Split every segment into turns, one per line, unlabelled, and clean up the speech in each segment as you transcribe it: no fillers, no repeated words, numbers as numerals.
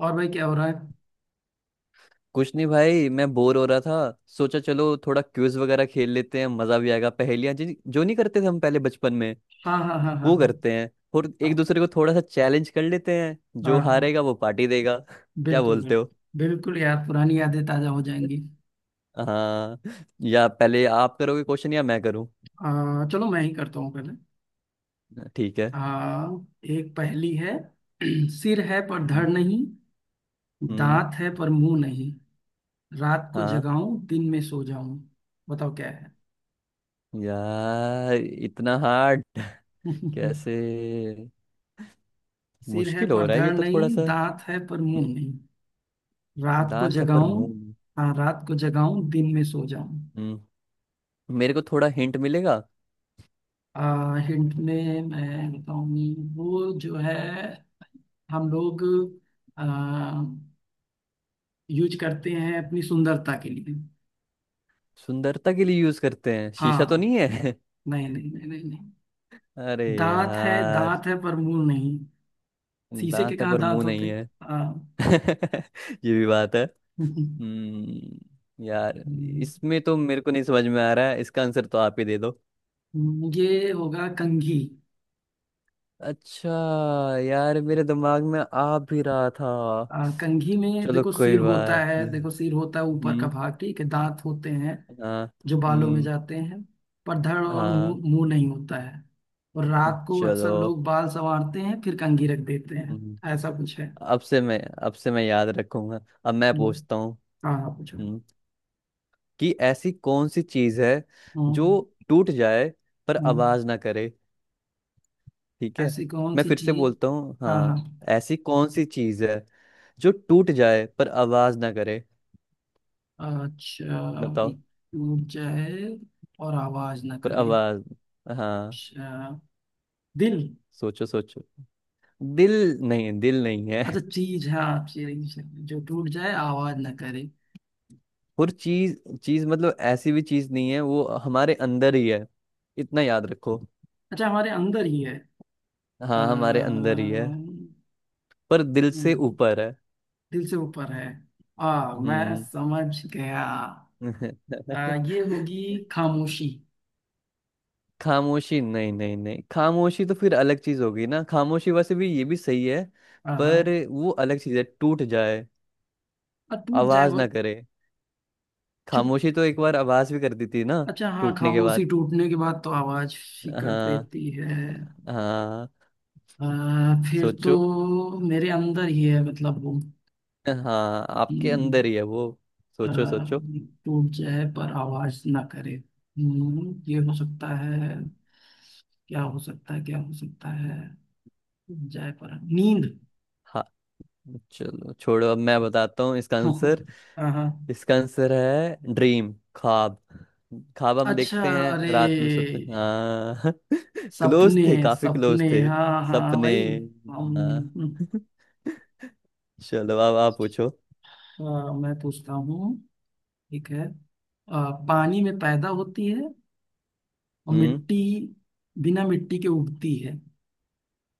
और भाई क्या हो रहा है?
कुछ नहीं भाई, मैं बोर हो रहा था। सोचा चलो थोड़ा क्विज वगैरह खेल लेते हैं, मजा भी आएगा। पहेलियां जिन जो नहीं करते थे हम पहले बचपन में,
हाँ हाँ हाँ हाँ।
वो करते हैं। और एक
हाँ
दूसरे को थोड़ा सा चैलेंज कर लेते हैं,
हाँ
जो
हाँ हाँ,
हारेगा वो पार्टी देगा। क्या
बिल्कुल
बोलते
बिल्कुल।
हो?
बिल्कुल यार, पुरानी यादें ताजा हो जाएंगी।
हाँ, या पहले आप करोगे क्वेश्चन या मैं करूँ?
चलो मैं ही करता हूँ पहले।
ठीक है।
हाँ। एक पहेली है। सिर है पर
हम्म।
धड़ नहीं।
हम्म,
दांत है पर मुंह नहीं। रात को
हाँ।
जगाऊं दिन में सो जाऊं। बताओ क्या है?
यार इतना हार्ड। कैसे?
सिर है
मुश्किल हो
पर
रहा है ये
धड़
तो थोड़ा
नहीं,
सा।
दांत है पर मुंह नहीं। रात को
दांत है पर
जगाऊं।
मुंह नहीं।
हाँ, रात को जगाऊं दिन में सो जाऊं।
हम्म। मेरे को थोड़ा हिंट मिलेगा?
हिंट में मैं बताऊंगी वो जो है। हम लोग यूज करते हैं अपनी सुंदरता के लिए।
सुंदरता के लिए यूज करते हैं, शीशा तो
हाँ।
नहीं है।
नहीं नहीं नहीं नहीं नहीं।
अरे
दांत है,
यार।
दांत है पर मुंह नहीं। शीशे के
दांत है
कहाँ
पर
दांत
मुंह
होते?
नहीं है।
हाँ।
ये भी बात है। यार, इसमें तो मेरे को नहीं समझ में आ रहा है, इसका आंसर तो आप ही दे दो।
ये होगा कंघी।
अच्छा। यार मेरे दिमाग में आ भी रहा था।
कंघी में
चलो
देखो सिर
कोई
होता
बात
है,
नहीं।
देखो सिर होता है, ऊपर का
हम्म।
भाग, ठीक है, दांत होते हैं
हाँ।
जो बालों में
हम्म।
जाते हैं, पर धड़ और
हाँ।
मुंह, मुंह नहीं होता है। और रात को अक्सर
चलो।
लोग बाल संवारते हैं, फिर कंघी रख देते हैं।
हम्म,
ऐसा कुछ है।
अब से मैं याद रखूंगा। अब मैं
हम्म।
पूछता हूँ।
हाँ हाँ, पूछो।
हम्म, कि ऐसी कौन सी चीज है जो
हम्म
टूट जाए पर
हम्म।
आवाज ना करे। ठीक है।
ऐसी कौन
मैं
सी
फिर से
चीज?
बोलता हूँ,
हाँ हाँ।
हाँ। ऐसी कौन सी चीज है जो टूट जाए पर आवाज ना करे?
अच्छा,
बताओ।
एक टूट जाए और आवाज ना
पर
करे।
आवाज, हाँ।
अच्छा। दिल।
सोचो सोचो। दिल? नहीं, दिल नहीं है।
अच्छा चीज, हाँ चीज जो टूट जाए आवाज ना करे।
और चीज, चीज मतलब ऐसी भी चीज नहीं है, वो हमारे अंदर ही है। इतना याद रखो।
अच्छा, हमारे अंदर ही है।
हाँ, हमारे
आ,
अंदर ही है। पर दिल से ऊपर है।
दिल से ऊपर है। आ मैं
हम्म।
समझ गया। ये होगी खामोशी।
खामोशी? नहीं नहीं नहीं, खामोशी तो फिर अलग चीज होगी ना। खामोशी वैसे भी, ये भी सही है,
हाँ हाँ।
पर वो अलग चीज है। टूट जाए
टूट जाए
आवाज
वो।
ना करे,
चुप।
खामोशी तो एक बार आवाज भी कर दी थी ना।
अच्छा हाँ,
टूटने के
खामोशी
बाद।
टूटने के बाद तो आवाज ही कर
हाँ।
देती है।
हाँ।
अ, फिर तो
सोचो।
मेरे अंदर ही है, मतलब वो।
हाँ
कि,
आपके अंदर ही है वो।
अ,
सोचो सोचो।
टूट जाए पर आवाज ना करे। ये हो सकता है। क्या हो सकता है, क्या हो सकता है? टूट जाए पर नींद।
हाँ, चलो छोड़ो अब मैं बताता हूँ इसका आंसर।
हाँ हाँ।
इसका आंसर है ड्रीम, ख्वाब। ख्वाब हम
अच्छा।
देखते हैं,
अरे।
रात में सोते हैं। हाँ। क्लोज थे,
सपने।
काफी क्लोज
सपने,
थे।
हाँ हाँ
सपने।
भाई।
हाँ।
हम।
चलो, अब आप पूछो।
हाँ, मैं पूछता हूँ। ठीक है। पानी में पैदा होती है और
हम्म।
मिट्टी बिना मिट्टी के उगती है,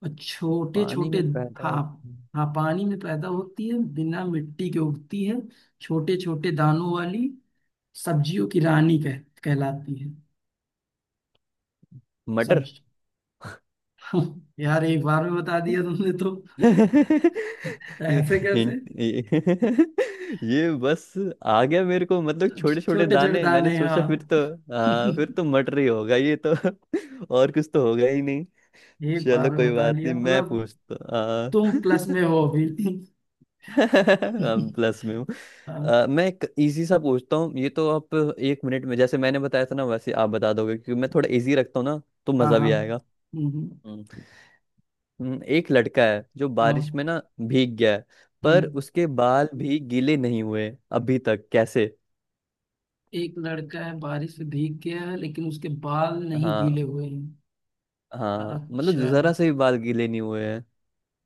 और छोटे
पानी
छोटे।
में पैदा
हाँ
होते हैं।
हाँ, पानी में पैदा होती है, बिना मिट्टी के उगती है, छोटे छोटे दानों वाली, सब्जियों की रानी कह कहलाती है।
मटर।
सब्जी। यार, एक बार में बता दिया तुमने तो। ऐसे कैसे?
हिंट ये बस आ गया मेरे को, मतलब छोटे छोटे
छोटे छोटे
दाने, मैंने
दाने,
सोचा फिर
हाँ।
तो। हाँ फिर तो मटर ही होगा ये तो। और कुछ तो होगा ही।
एक बार
चलो
में
कोई
बता
बात नहीं।
लिया
मैं
मतलब।
पूछता
तुम प्लस में हो अभी।
हम प्लस में हूँ।
हाँ
मैं एक इजी सा पूछता हूँ, ये तो आप एक मिनट में, जैसे मैंने बताया था ना वैसे आप बता दोगे, क्योंकि मैं थोड़ा इजी रखता हूँ ना तो
हाँ।
मजा
हाँ।
भी आएगा।
हम्म।
हम्म, एक लड़का है जो बारिश
हाँ।
में ना भीग गया है,
हैं।
पर उसके बाल भी गीले नहीं हुए अभी तक। कैसे?
एक लड़का है, बारिश से भीग गया है, लेकिन उसके बाल नहीं गीले
हाँ,
हुए हैं।
हाँ मतलब
अच्छा,
जरा से भी बाल गीले नहीं हुए हैं।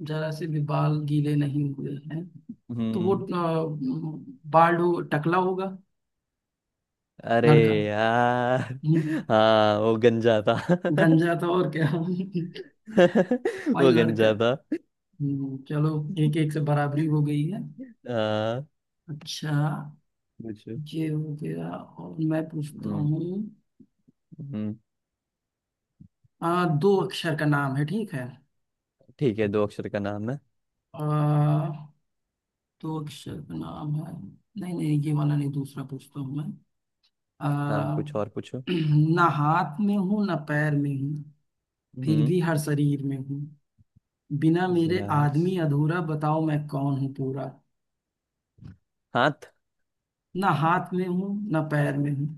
जरा से भी बाल गीले नहीं हुए हैं। तो वो
हम्म।
बाल हो, टकला होगा
अरे
लड़का।
यार।
हम्म,
हाँ वो गंजा था।
गंजा था और क्या? भाई
वो
लड़का।
गंजा था।
चलो। एक एक से बराबरी हो गई है।
आ,
अच्छा,
पूछो।
ये हो गया और मैं पूछता
हम्म।
हूँ।
हम्म,
दो अक्षर का नाम है, ठीक है।
ठीक है, दो अक्षर का नाम है।
आ, दो अक्षर का नाम है। नहीं नहीं, ये वाला नहीं, दूसरा पूछता हूँ मैं।
हाँ
आ,
कुछ और पूछो।
ना हाथ में हूँ ना पैर में हूँ। फिर
हम्म
भी हर शरीर में हूँ। बिना मेरे
यार,
आदमी अधूरा, बताओ मैं कौन हूँ पूरा?
हाथ?
ना हाथ में हूँ ना पैर में हूँ,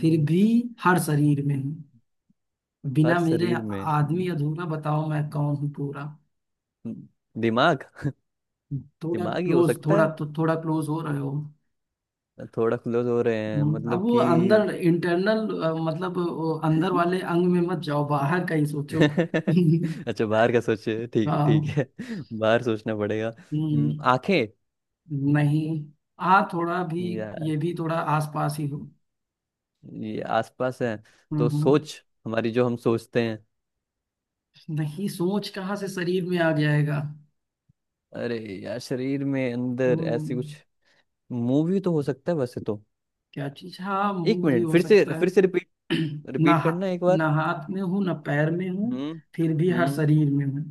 फिर भी हर शरीर में हूँ,
हर
बिना मेरे
शरीर में।
आदमी अधूरा, बताओ मैं कौन हूँ पूरा?
हम्म, दिमाग?
थोड़ा
दिमाग ही हो
क्लोज,
सकता
थोड़ा
है।
तो थोड़ा क्लोज हो रहे हो।
थोड़ा क्लोज हो रहे हैं
अब
मतलब
वो
कि।
अंदर इंटरनल, मतलब वो अंदर वाले अंग में मत जाओ, बाहर का ही सोचो।
अच्छा बाहर का सोचे, ठीक है ठीक
हाँ।
है। बाहर सोचना पड़ेगा।
हम्म।
आंखें?
नहीं। आ थोड़ा भी
यार,
ये भी थोड़ा आसपास ही हो।
ये आसपास है? तो
हम्म।
सोच, हमारी जो हम सोचते हैं।
नहीं, सोच कहाँ से शरीर में आ जाएगा?
अरे यार, शरीर में अंदर ऐसी कुछ।
हम्म।
मूवी तो हो सकता है वैसे तो।
क्या चीज, हाँ
एक
मुंह भी
मिनट,
हो सकता
फिर से रिपीट,
है। ना
रिपीट
हा-
करना एक बार।
ना हाथ में हूँ ना पैर में हूँ।
हम्म।
फिर भी हर
हम्म।
शरीर में हूँ।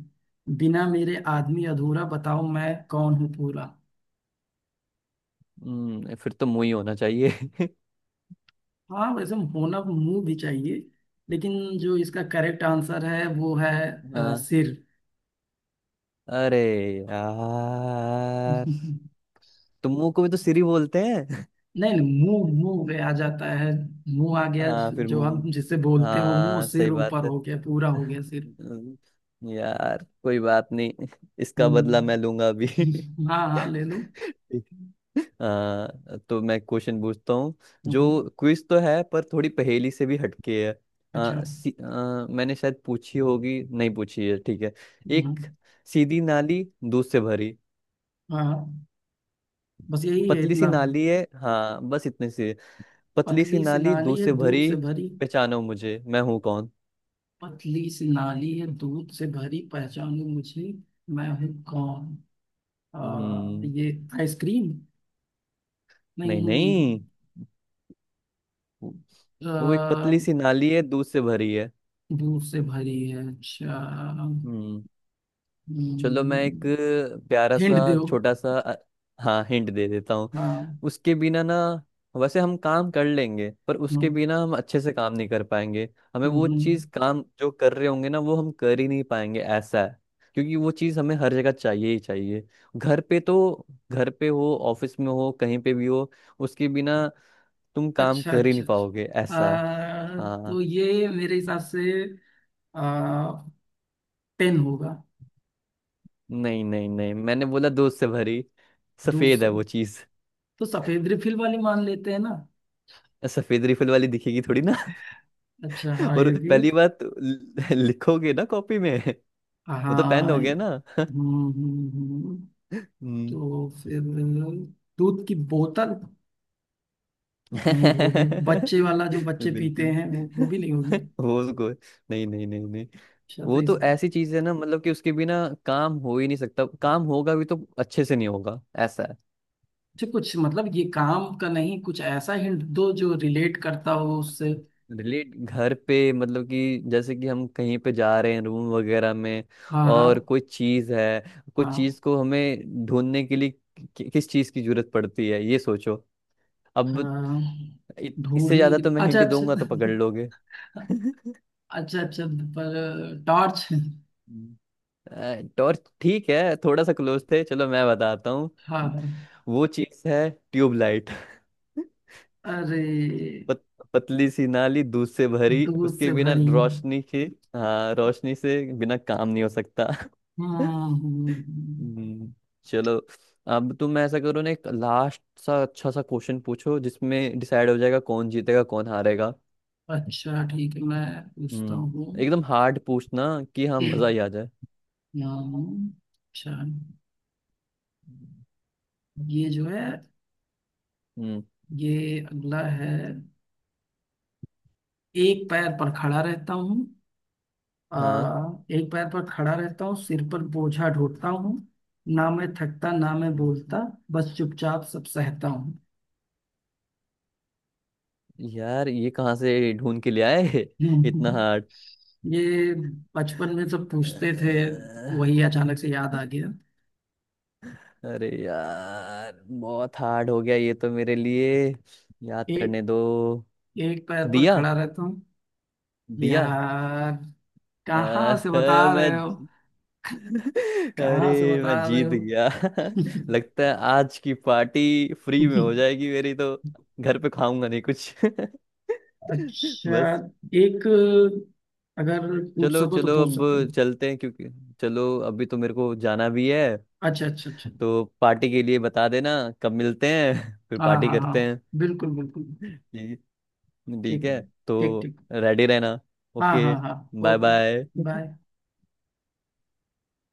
बिना मेरे आदमी अधूरा, बताओ मैं कौन हूँ पूरा।
हम्म, फिर तो मूवी होना चाहिए।
हाँ, वैसे होना मुंह भी चाहिए, लेकिन जो इसका करेक्ट आंसर है वो है
हाँ।
सिर।
अरे यार, तो मुंह को भी तो सिरी बोलते हैं।
नहीं नहीं, मुंह, मुंह पे आ जाता है। मुंह आ गया,
हाँ
जो
फिर
जो हम जिसे
मुंह,
बोलते हैं वो मुंह,
हाँ
सिर
सही बात
ऊपर
है।
हो गया, पूरा हो गया सिर।
हम्म, यार कोई बात नहीं। इसका बदला
हम्म।
मैं लूंगा अभी।
हाँ हाँ, ले लो।
ठीक है। तो मैं क्वेश्चन पूछता हूँ जो
हम्म।
क्विज तो है पर थोड़ी पहेली से भी हटके है।
अच्छा।
मैंने शायद पूछी होगी, नहीं पूछी है, ठीक है।
हम्म।
एक सीधी नाली दूध से भरी।
हाँ हाँ। बस यही है
पतली सी
इतना।
नाली है, हाँ बस इतने से। पतली सी
पतली सी
नाली
नाली
दूध
है
से
दूध
भरी,
से भरी।
पहचानो मुझे मैं हूँ कौन।
पतली सी नाली है दूध से भरी, पहचानो मुझे मैं हूँ कौन?
हम्म।
ये आइसक्रीम?
नहीं
नहीं नहीं।
नहीं। वो वो एक
आ,
पतली सी नाली है दूध से भरी है।
दूर से भरी है, अच्छा।
हम्म। चलो मैं एक
हम्म।
प्यारा सा
हिंट दो।
छोटा सा हाँ हिंट दे देता हूँ।
हाँ हाँ।
उसके बिना ना वैसे हम काम कर लेंगे, पर उसके
हम्म,
बिना हम अच्छे से काम नहीं कर पाएंगे। हमें वो
हम्म।
चीज़, काम जो कर रहे होंगे ना वो हम कर ही नहीं पाएंगे, ऐसा है। क्योंकि वो चीज़ हमें हर जगह चाहिए ही चाहिए। घर पे तो घर पे हो, ऑफिस में हो, कहीं पे भी हो, उसके बिना तुम काम
अच्छा
कर ही नहीं
अच्छा
पाओगे,
अच्छा।
ऐसा। हाँ।
तो ये मेरे हिसाब से आ, पेन होगा।
नहीं नहीं नहीं, मैंने बोला दूध से भरी,
दूर
सफेद
से,
है वो चीज़।
तो सफेद रिफिल वाली मान लेते हैं ना।
सफेद रिफिल वाली दिखेगी थोड़ी ना।
अच्छा हाँ,
और
ये भी।
पहली बात तो लिखोगे ना कॉपी में। वो तो पेन
हाँ,
हो गया ना।
हम्म।
हम्म।
तो फिर दूध की बोतल? नहीं, वो भी बच्चे वाला, जो बच्चे पीते
बिल्कुल।
हैं वो भी नहीं होगी।
वो उसको नहीं नहीं नहीं नहीं।
अच्छा तो
वो
इस
तो
अच्छा,
ऐसी चीज है ना, मतलब कि उसके बिना काम हो ही नहीं सकता, काम होगा भी तो अच्छे से नहीं होगा, ऐसा है।
कुछ मतलब ये काम का नहीं, कुछ ऐसा हिंट दो जो रिलेट करता हो उससे।
रिलेट, घर पे, मतलब कि जैसे कि हम कहीं पे जा रहे हैं रूम वगैरह में,
हाँ हाँ
और कोई चीज है, कोई
हाँ
चीज को हमें ढूंढने के लिए किस चीज की जरूरत पड़ती है, ये सोचो अब।
हाँ।
इ- इससे
ढूंढने
ज्यादा
के
तो
लिए,
मैं
अच्छा
हिंट
अच्छा
दूंगा तो पकड़ लोगे।
अच्छा। अच्छा पर टॉर्च?
हम्म, टॉर्च? ठीक है, थोड़ा सा क्लोज थे, चलो मैं बताता हूँ,
हाँ हाँ।
वो चीज है ट्यूबलाइट।
अरे।
पत, पतली सी नाली दूध से भरी,
दूध
उसके
से
बिना
भरी।
रोशनी की, हाँ रोशनी से बिना काम नहीं हो सकता।
हम्म।
हम्म, चलो। अब तुम ऐसा करो ना, एक लास्ट सा अच्छा सा क्वेश्चन पूछो, जिसमें डिसाइड हो जाएगा कौन जीतेगा कौन हारेगा।
अच्छा ठीक है, मैं पूछता हूँ।
हम्म, एकदम हार्ड पूछना, कि हाँ मजा
हम्म,
ही आ जाए।
अच्छा। ये जो है,
हम्म।
ये अगला है। एक पैर पर खड़ा रहता हूँ।
हाँ
एक पैर पर खड़ा रहता हूँ, सिर पर बोझा ढोता हूँ। ना मैं थकता ना मैं बोलता, बस चुपचाप सब सहता हूँ।
यार, ये कहाँ से ढूंढ के ले आए। इतना
हम्म।
हार्ड।
ये बचपन में सब पूछते थे, वही अचानक से याद आ गया।
अरे यार बहुत हार्ड हो गया ये तो मेरे लिए। याद
एक
करने दो।
एक पैर पर
दिया।
खड़ा रहता हूँ।
दिया।
यार, कहाँ से बता
आह,
रहे
मैं।
हो?
अरे
कहाँ से
मैं
बता रहे
जीत
हो?
गया। लगता है आज की पार्टी फ्री में हो जाएगी मेरी तो। घर पे खाऊंगा नहीं कुछ।
अच्छा
बस।
एक, अगर पूछ
चलो
सको तो
चलो
पूछ
अब,
सकते हो।
चलते हैं क्योंकि चलो अभी तो मेरे को जाना भी है।
अच्छा अच्छा अच्छा।
तो पार्टी के लिए बता देना कब मिलते हैं। फिर
हाँ
पार्टी
हाँ हाँ,
करते हैं।
बिल्कुल बिल्कुल।
ठीक, ठीक
ठीक है।
है,
ठीक
तो
ठीक।
रेडी रहना।
हाँ
ओके।
हाँ हाँ।
Bye
okay.
बाय।
बाय।